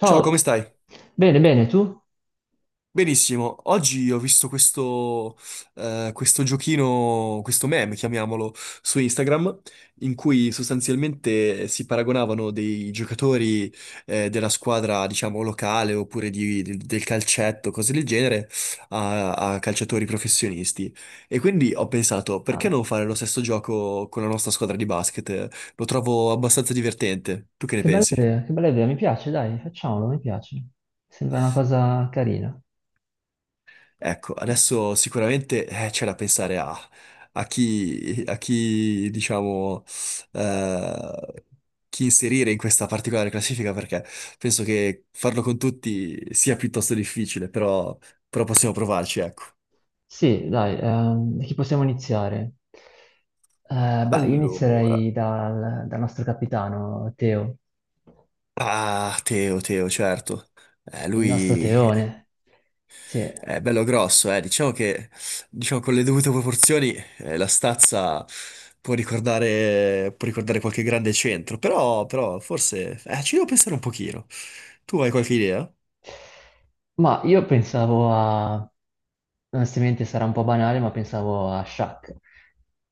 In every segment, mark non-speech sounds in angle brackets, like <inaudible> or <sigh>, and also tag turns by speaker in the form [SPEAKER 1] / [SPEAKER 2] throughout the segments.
[SPEAKER 1] Ciao, come stai?
[SPEAKER 2] bene, bene, tu?
[SPEAKER 1] Benissimo. Oggi ho visto questo, questo giochino, questo meme, chiamiamolo, su Instagram, in cui sostanzialmente si paragonavano dei giocatori, della squadra, diciamo, locale oppure del calcetto, cose del genere, a calciatori professionisti. E quindi ho pensato, perché
[SPEAKER 2] Ah,
[SPEAKER 1] non fare lo stesso gioco con la nostra squadra di basket? Lo trovo abbastanza divertente. Tu che ne pensi?
[SPEAKER 2] che bella idea, mi piace, dai, facciamolo, mi piace. Sembra una cosa carina.
[SPEAKER 1] Ecco, adesso sicuramente c'è da pensare a, a chi, diciamo, eh, chi inserire in questa particolare classifica, perché penso che farlo con tutti sia piuttosto difficile, però, però possiamo provarci, ecco.
[SPEAKER 2] Sì, dai, da chi possiamo iniziare? Beh, io
[SPEAKER 1] Allora,
[SPEAKER 2] inizierei dal nostro capitano, Teo,
[SPEAKER 1] ah, Teo, Teo, certo. Eh,
[SPEAKER 2] il nostro
[SPEAKER 1] lui
[SPEAKER 2] Teone. Sì.
[SPEAKER 1] è bello grosso, eh. Diciamo, con le dovute proporzioni la stazza può ricordare qualche grande centro, però, però forse ci devo pensare un pochino. Tu hai qualche idea?
[SPEAKER 2] Ma io pensavo a, onestamente sarà un po' banale, ma pensavo a Shaq,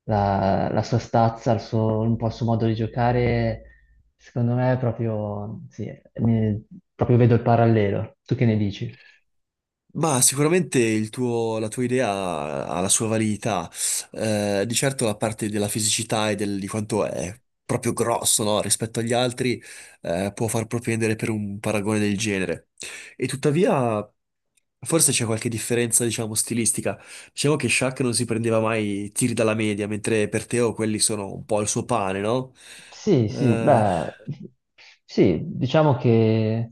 [SPEAKER 2] la sua stazza, il suo, un po' il suo modo di giocare, secondo me è proprio, sì, ne- proprio vedo il parallelo. Tu che ne dici?
[SPEAKER 1] Ma sicuramente la tua idea ha la sua validità. Di certo la parte della fisicità e di quanto è proprio grosso, no, rispetto agli altri, può far propendere per un paragone del genere. E tuttavia forse c'è qualche differenza, diciamo, stilistica. Diciamo che Shaq non si prendeva mai tiri dalla media, mentre per Teo quelli sono un po' il suo pane, no?
[SPEAKER 2] Sì, sì,
[SPEAKER 1] Eh,
[SPEAKER 2] beh, sì, diciamo che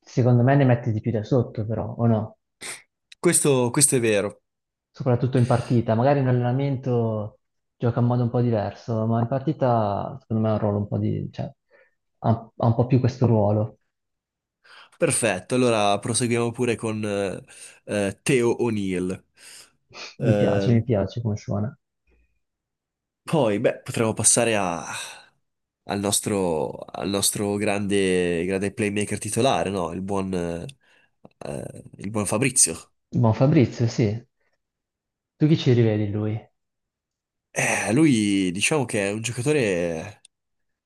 [SPEAKER 2] secondo me ne mette di più da sotto però, o no?
[SPEAKER 1] questo è vero.
[SPEAKER 2] Soprattutto in partita. Magari in allenamento gioca in modo un po' diverso, ma in partita secondo me ha un ruolo un po' di, cioè, ha un po' più questo ruolo.
[SPEAKER 1] Perfetto, allora proseguiamo pure con Theo O'Neill. Eh,
[SPEAKER 2] Mi piace come suona.
[SPEAKER 1] poi, beh, potremmo al nostro grande, grande playmaker titolare, no? Il buon Fabrizio.
[SPEAKER 2] Buon Fabrizio, sì. Tu chi ci rivedi in lui?
[SPEAKER 1] Lui diciamo che è un giocatore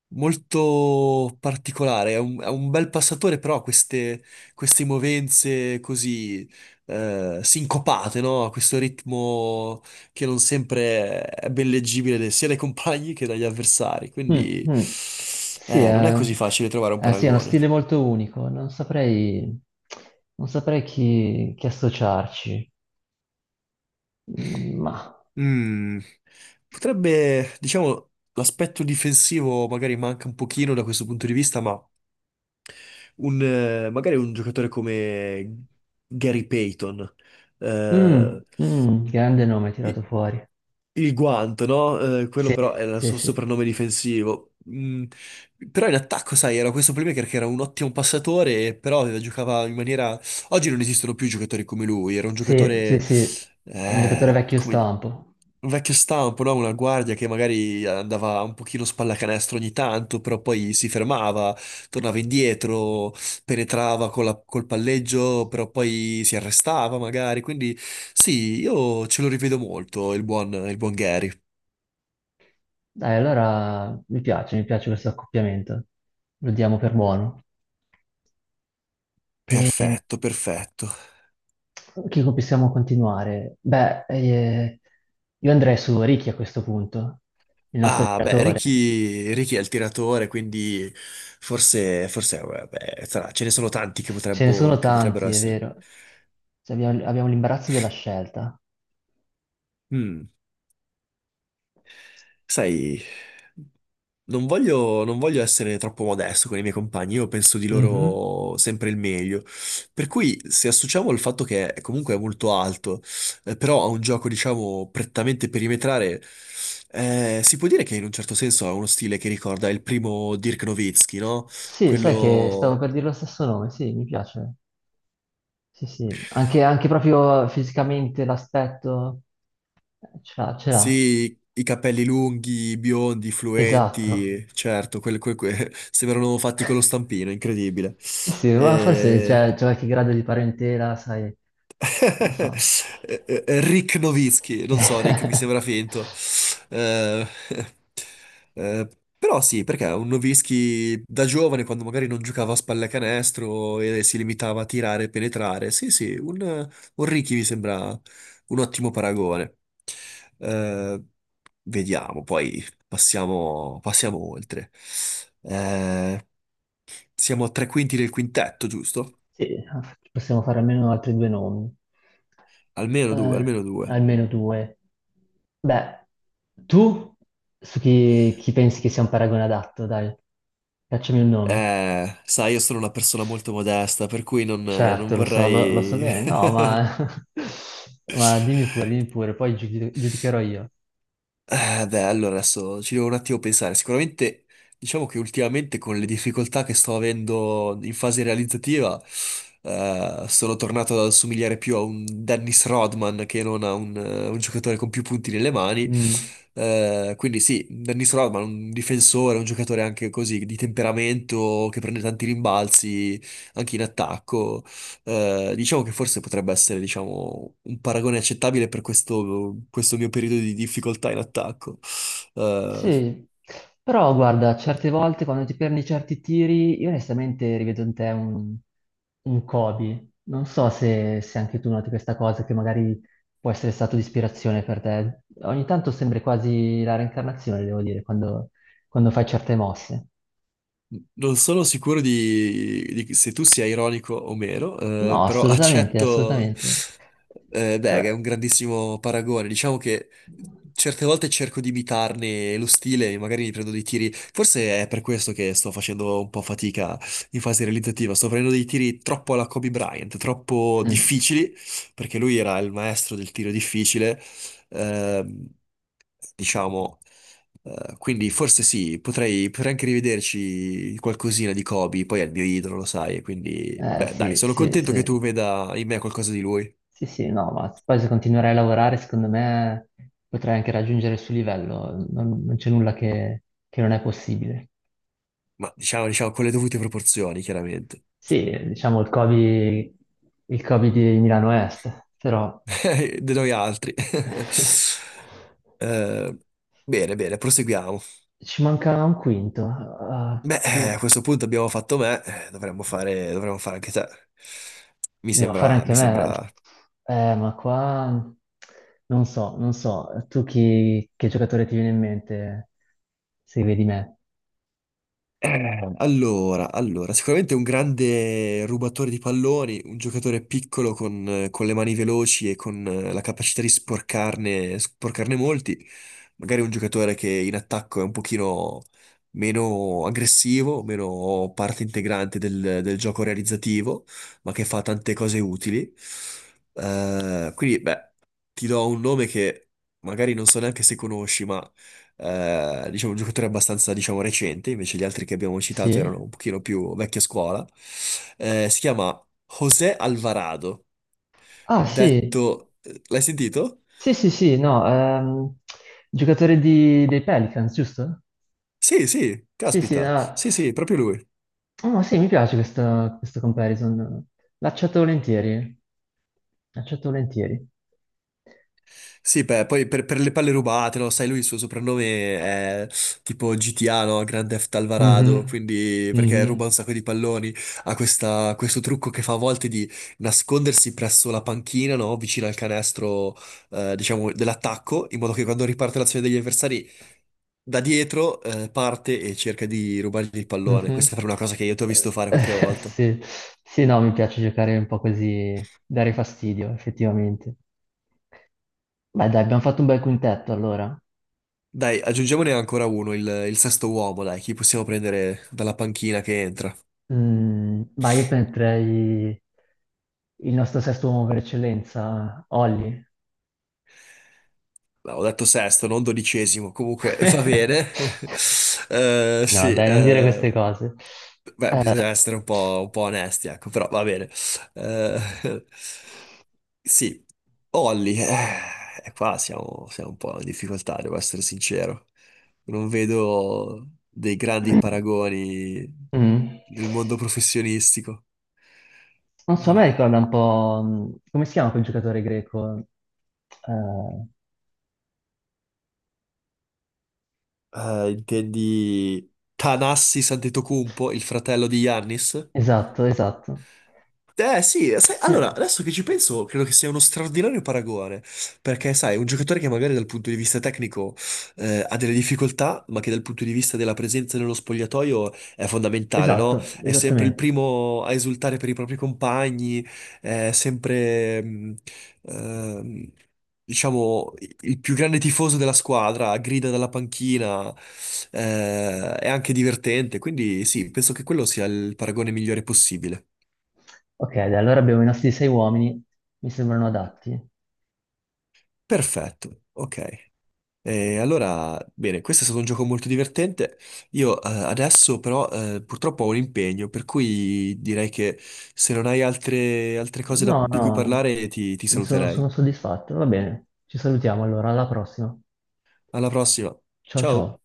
[SPEAKER 1] molto particolare, è un bel passatore, però ha queste, queste movenze così sincopate, no? A questo ritmo che non sempre è ben leggibile sia dai compagni che dagli avversari,
[SPEAKER 2] Mm,
[SPEAKER 1] quindi
[SPEAKER 2] mm. Sì,
[SPEAKER 1] non è
[SPEAKER 2] è,
[SPEAKER 1] così facile trovare un
[SPEAKER 2] sì, è uno
[SPEAKER 1] paragone.
[SPEAKER 2] stile molto unico, non saprei, non saprei chi, chi associarci, mm, ma...
[SPEAKER 1] Mm. Potrebbe, diciamo, l'aspetto difensivo magari manca un pochino da questo punto di vista, ma... un, magari un giocatore come Gary Payton,
[SPEAKER 2] Mm,
[SPEAKER 1] eh,
[SPEAKER 2] mm, grande nome tirato
[SPEAKER 1] i-
[SPEAKER 2] fuori.
[SPEAKER 1] il guanto, no? Quello
[SPEAKER 2] Sì,
[SPEAKER 1] però era il
[SPEAKER 2] sì,
[SPEAKER 1] suo
[SPEAKER 2] sì.
[SPEAKER 1] soprannome difensivo. Mm, però in attacco, sai, era questo playmaker che era un ottimo passatore, giocava in maniera... Oggi non esistono più giocatori come lui, era un
[SPEAKER 2] Sì, sì,
[SPEAKER 1] giocatore...
[SPEAKER 2] sì, un giocatore vecchio
[SPEAKER 1] come,
[SPEAKER 2] stampo.
[SPEAKER 1] un vecchio stampo, no? Una guardia che magari andava un pochino spallacanestro ogni tanto, però poi si fermava, tornava indietro, penetrava con col palleggio, però poi si arrestava magari. Quindi sì, io ce lo rivedo molto, il buon Gary.
[SPEAKER 2] Dai, allora mi piace questo accoppiamento. Lo diamo per buono. E
[SPEAKER 1] Perfetto, perfetto.
[SPEAKER 2] chi possiamo continuare? Beh, io andrei su Ricky a questo punto, il nostro
[SPEAKER 1] Ah, beh,
[SPEAKER 2] tiratore.
[SPEAKER 1] Ricky, Ricky è il tiratore, quindi forse, forse, vabbè, ce ne sono tanti che
[SPEAKER 2] Ce ne sono
[SPEAKER 1] che potrebbero
[SPEAKER 2] tanti, è
[SPEAKER 1] essere.
[SPEAKER 2] vero. Cioè, abbiamo l'imbarazzo della scelta.
[SPEAKER 1] Mm, sai. Non voglio, non voglio essere troppo modesto con i miei compagni, io penso di
[SPEAKER 2] Mhm.
[SPEAKER 1] loro sempre il meglio. Per cui, se associamo il fatto che comunque è molto alto, però a un gioco, diciamo, prettamente perimetrale, si può dire che in un certo senso ha uno stile che ricorda il primo Dirk Nowitzki, no?
[SPEAKER 2] Sì, sai che stavo
[SPEAKER 1] Quello...
[SPEAKER 2] per dire lo stesso nome, sì, mi piace. Sì, sì, anche, anche proprio fisicamente l'aspetto ce l'ha,
[SPEAKER 1] Sì, i capelli lunghi, biondi,
[SPEAKER 2] esatto.
[SPEAKER 1] fluenti, certo, <laughs> sembrano fatti con lo
[SPEAKER 2] <laughs>
[SPEAKER 1] stampino, incredibile.
[SPEAKER 2] Sì, sì, ma forse
[SPEAKER 1] Eh,
[SPEAKER 2] c'è qualche grado di parentela, sai,
[SPEAKER 1] <laughs>
[SPEAKER 2] non so.
[SPEAKER 1] Rick Nowitzki, non so, Rick, mi sembra finto.
[SPEAKER 2] <laughs>
[SPEAKER 1] Eh, <laughs> eh, però sì, perché un Nowitzki da giovane, quando magari non giocava a spallacanestro e si limitava a tirare e penetrare, sì, sì, un Ricky mi sembra un ottimo paragone. Eh, vediamo, poi passiamo, passiamo oltre. Eh, siamo a tre quinti del quintetto, giusto?
[SPEAKER 2] Sì, possiamo fare almeno altri due nomi,
[SPEAKER 1] Almeno due,
[SPEAKER 2] Eh,
[SPEAKER 1] almeno due.
[SPEAKER 2] almeno due. Beh, tu su chi, chi pensi che sia un paragone adatto, dai, facciami un nome.
[SPEAKER 1] Sai, io sono una persona molto modesta, per cui non, non
[SPEAKER 2] Certo, lo so, lo, lo so
[SPEAKER 1] vorrei...
[SPEAKER 2] bene, no,
[SPEAKER 1] <laughs>
[SPEAKER 2] ma, <laughs> ma dimmi pure, poi giudicherò io.
[SPEAKER 1] Beh, allora adesso ci devo un attimo pensare. Sicuramente, diciamo che ultimamente con le difficoltà che sto avendo in fase realizzativa, sono tornato ad assomigliare più a un Dennis Rodman che non a un giocatore con più punti nelle mani.
[SPEAKER 2] Mm.
[SPEAKER 1] Quindi sì, Dennis Rodman, un difensore, un giocatore anche così di temperamento che prende tanti rimbalzi anche in attacco. Diciamo che forse potrebbe essere, diciamo, un paragone accettabile per questo, questo mio periodo di difficoltà in attacco. Eh,
[SPEAKER 2] Sì, però guarda, certe volte quando ti perdi certi tiri, io onestamente rivedo in te un Kobe. Non so se, se anche tu noti questa cosa, che magari può essere stato di ispirazione per te. Ogni tanto sembri quasi la reincarnazione, devo dire, quando, quando fai certe mosse.
[SPEAKER 1] Non sono sicuro di, se tu sia ironico o meno,
[SPEAKER 2] No,
[SPEAKER 1] però <laughs>
[SPEAKER 2] assolutamente,
[SPEAKER 1] accetto.
[SPEAKER 2] assolutamente.
[SPEAKER 1] Eh, beh,
[SPEAKER 2] Eh,
[SPEAKER 1] è un grandissimo paragone. Diciamo che certe volte cerco di imitarne lo stile, e magari mi prendo dei tiri. Forse è per questo che sto facendo un po' fatica in fase realizzativa. Sto prendendo dei tiri troppo alla Kobe Bryant, troppo
[SPEAKER 2] Mm.
[SPEAKER 1] difficili, perché lui era il maestro del tiro difficile. Ehm, diciamo. Quindi forse sì, potrei, potrei anche rivederci qualcosina di Kobe, poi è il mio idolo, lo sai, quindi beh, dai,
[SPEAKER 2] Sì,
[SPEAKER 1] sono
[SPEAKER 2] sì,
[SPEAKER 1] contento
[SPEAKER 2] sì,
[SPEAKER 1] che tu veda in me qualcosa di lui,
[SPEAKER 2] sì, sì, no, ma poi se continuerai a lavorare, secondo me potrai anche raggiungere il suo livello, non, non c'è nulla che non è possibile.
[SPEAKER 1] ma diciamo, diciamo con le dovute proporzioni, chiaramente,
[SPEAKER 2] Sì, diciamo il Covid di Milano Est, però
[SPEAKER 1] <laughs> di noi altri. <laughs>
[SPEAKER 2] <laughs>
[SPEAKER 1] Eh, bene, bene, proseguiamo.
[SPEAKER 2] ci manca un quinto. Ah,
[SPEAKER 1] Beh, a
[SPEAKER 2] chi-
[SPEAKER 1] questo punto abbiamo fatto me, dovremmo fare anche te. Mi
[SPEAKER 2] Devo fare
[SPEAKER 1] sembra,
[SPEAKER 2] anche
[SPEAKER 1] mi
[SPEAKER 2] me.
[SPEAKER 1] sembra.
[SPEAKER 2] Ma qua non so, non so. Tu chi, che giocatore ti viene in mente se vedi me?
[SPEAKER 1] Allora, allora, sicuramente un grande rubatore di palloni, un giocatore piccolo con le mani veloci e con la capacità di sporcarne, sporcarne molti, magari un giocatore che in attacco è un pochino meno aggressivo, meno parte integrante del, del gioco realizzativo, ma che fa tante cose utili. Quindi, beh, ti do un nome che magari non so neanche se conosci, ma diciamo, un giocatore abbastanza, diciamo, recente, invece gli altri che abbiamo citato
[SPEAKER 2] Sì?
[SPEAKER 1] erano un pochino più vecchia scuola. Si chiama José Alvarado,
[SPEAKER 2] Ah, sì.
[SPEAKER 1] detto... l'hai sentito?
[SPEAKER 2] Sì, sì, sì, no. Giocatore dei Pelicans, giusto?
[SPEAKER 1] Sì, sì,
[SPEAKER 2] Sì, sì,
[SPEAKER 1] caspita.
[SPEAKER 2] ah.
[SPEAKER 1] Sì, sì, proprio lui.
[SPEAKER 2] Oh, sì, mi piace questo, questo comparison. L'accetto volentieri. L'accetto volentieri.
[SPEAKER 1] Sì, beh, poi per le palle rubate, lo sai, lui il suo soprannome è tipo GTA, no? Grand Theft Alvarado,
[SPEAKER 2] Mhm.
[SPEAKER 1] quindi perché ruba
[SPEAKER 2] Mhm.
[SPEAKER 1] un sacco di palloni, ha questo trucco che fa a volte di nascondersi presso la panchina, no? Vicino al canestro, diciamo, dell'attacco, in modo che quando riparte l'azione degli avversari, da dietro, parte e cerca di rubargli il pallone. Questa
[SPEAKER 2] Mhm.
[SPEAKER 1] è una cosa che io ti ho visto fare qualche
[SPEAKER 2] <laughs>
[SPEAKER 1] volta.
[SPEAKER 2] Sì. Sì, no, mi piace giocare un po' così, dare fastidio, effettivamente. Beh, dai, abbiamo fatto un bel quintetto allora.
[SPEAKER 1] Dai, aggiungiamone ancora uno, il sesto uomo, dai, chi possiamo prendere dalla panchina che entra?
[SPEAKER 2] Mm, ma io metterei il nostro sesto uomo per eccellenza, Olli.
[SPEAKER 1] No, ho detto sesto, non dodicesimo, comunque <laughs> va bene. <laughs>
[SPEAKER 2] <laughs>
[SPEAKER 1] Eh,
[SPEAKER 2] No,
[SPEAKER 1] sì,
[SPEAKER 2] dai, non dire queste
[SPEAKER 1] eh,
[SPEAKER 2] cose.
[SPEAKER 1] beh, bisogna essere un po' onesti, ecco, però va bene. Eh, <laughs> sì, Olli, e qua siamo, siamo un po' in difficoltà, devo essere sincero. Non vedo dei grandi paragoni
[SPEAKER 2] Mm.
[SPEAKER 1] nel mondo professionistico.
[SPEAKER 2] Non so, a me ricorda un po'... mm, come si chiama quel giocatore greco? Eh,
[SPEAKER 1] Intendi Tanassi Antetokounmpo, il fratello di Yannis?
[SPEAKER 2] esatto, esatto.
[SPEAKER 1] Eh sì, sai,
[SPEAKER 2] Sì.
[SPEAKER 1] allora, adesso che ci penso, credo che sia uno straordinario paragone, perché sai, un giocatore che magari dal punto di vista tecnico ha delle difficoltà, ma che dal punto di vista della presenza nello spogliatoio è fondamentale, no?
[SPEAKER 2] Esatto,
[SPEAKER 1] È sempre il
[SPEAKER 2] esattamente.
[SPEAKER 1] primo a esultare per i propri compagni, è sempre, ehm, diciamo, il più grande tifoso della squadra, grida dalla panchina, è anche divertente, quindi sì, penso che quello sia il paragone migliore possibile.
[SPEAKER 2] Ok, dai, allora abbiamo i nostri sei uomini, mi sembrano adatti.
[SPEAKER 1] Perfetto, ok. E allora, bene, questo è stato un gioco molto divertente. Io adesso però purtroppo ho un impegno, per cui direi che se non hai altre, altre cose
[SPEAKER 2] No,
[SPEAKER 1] di cui
[SPEAKER 2] no,
[SPEAKER 1] parlare ti
[SPEAKER 2] sono,
[SPEAKER 1] saluterei.
[SPEAKER 2] sono soddisfatto. Va bene, ci salutiamo allora, alla prossima.
[SPEAKER 1] Alla prossima.
[SPEAKER 2] Ciao
[SPEAKER 1] Ciao.
[SPEAKER 2] ciao.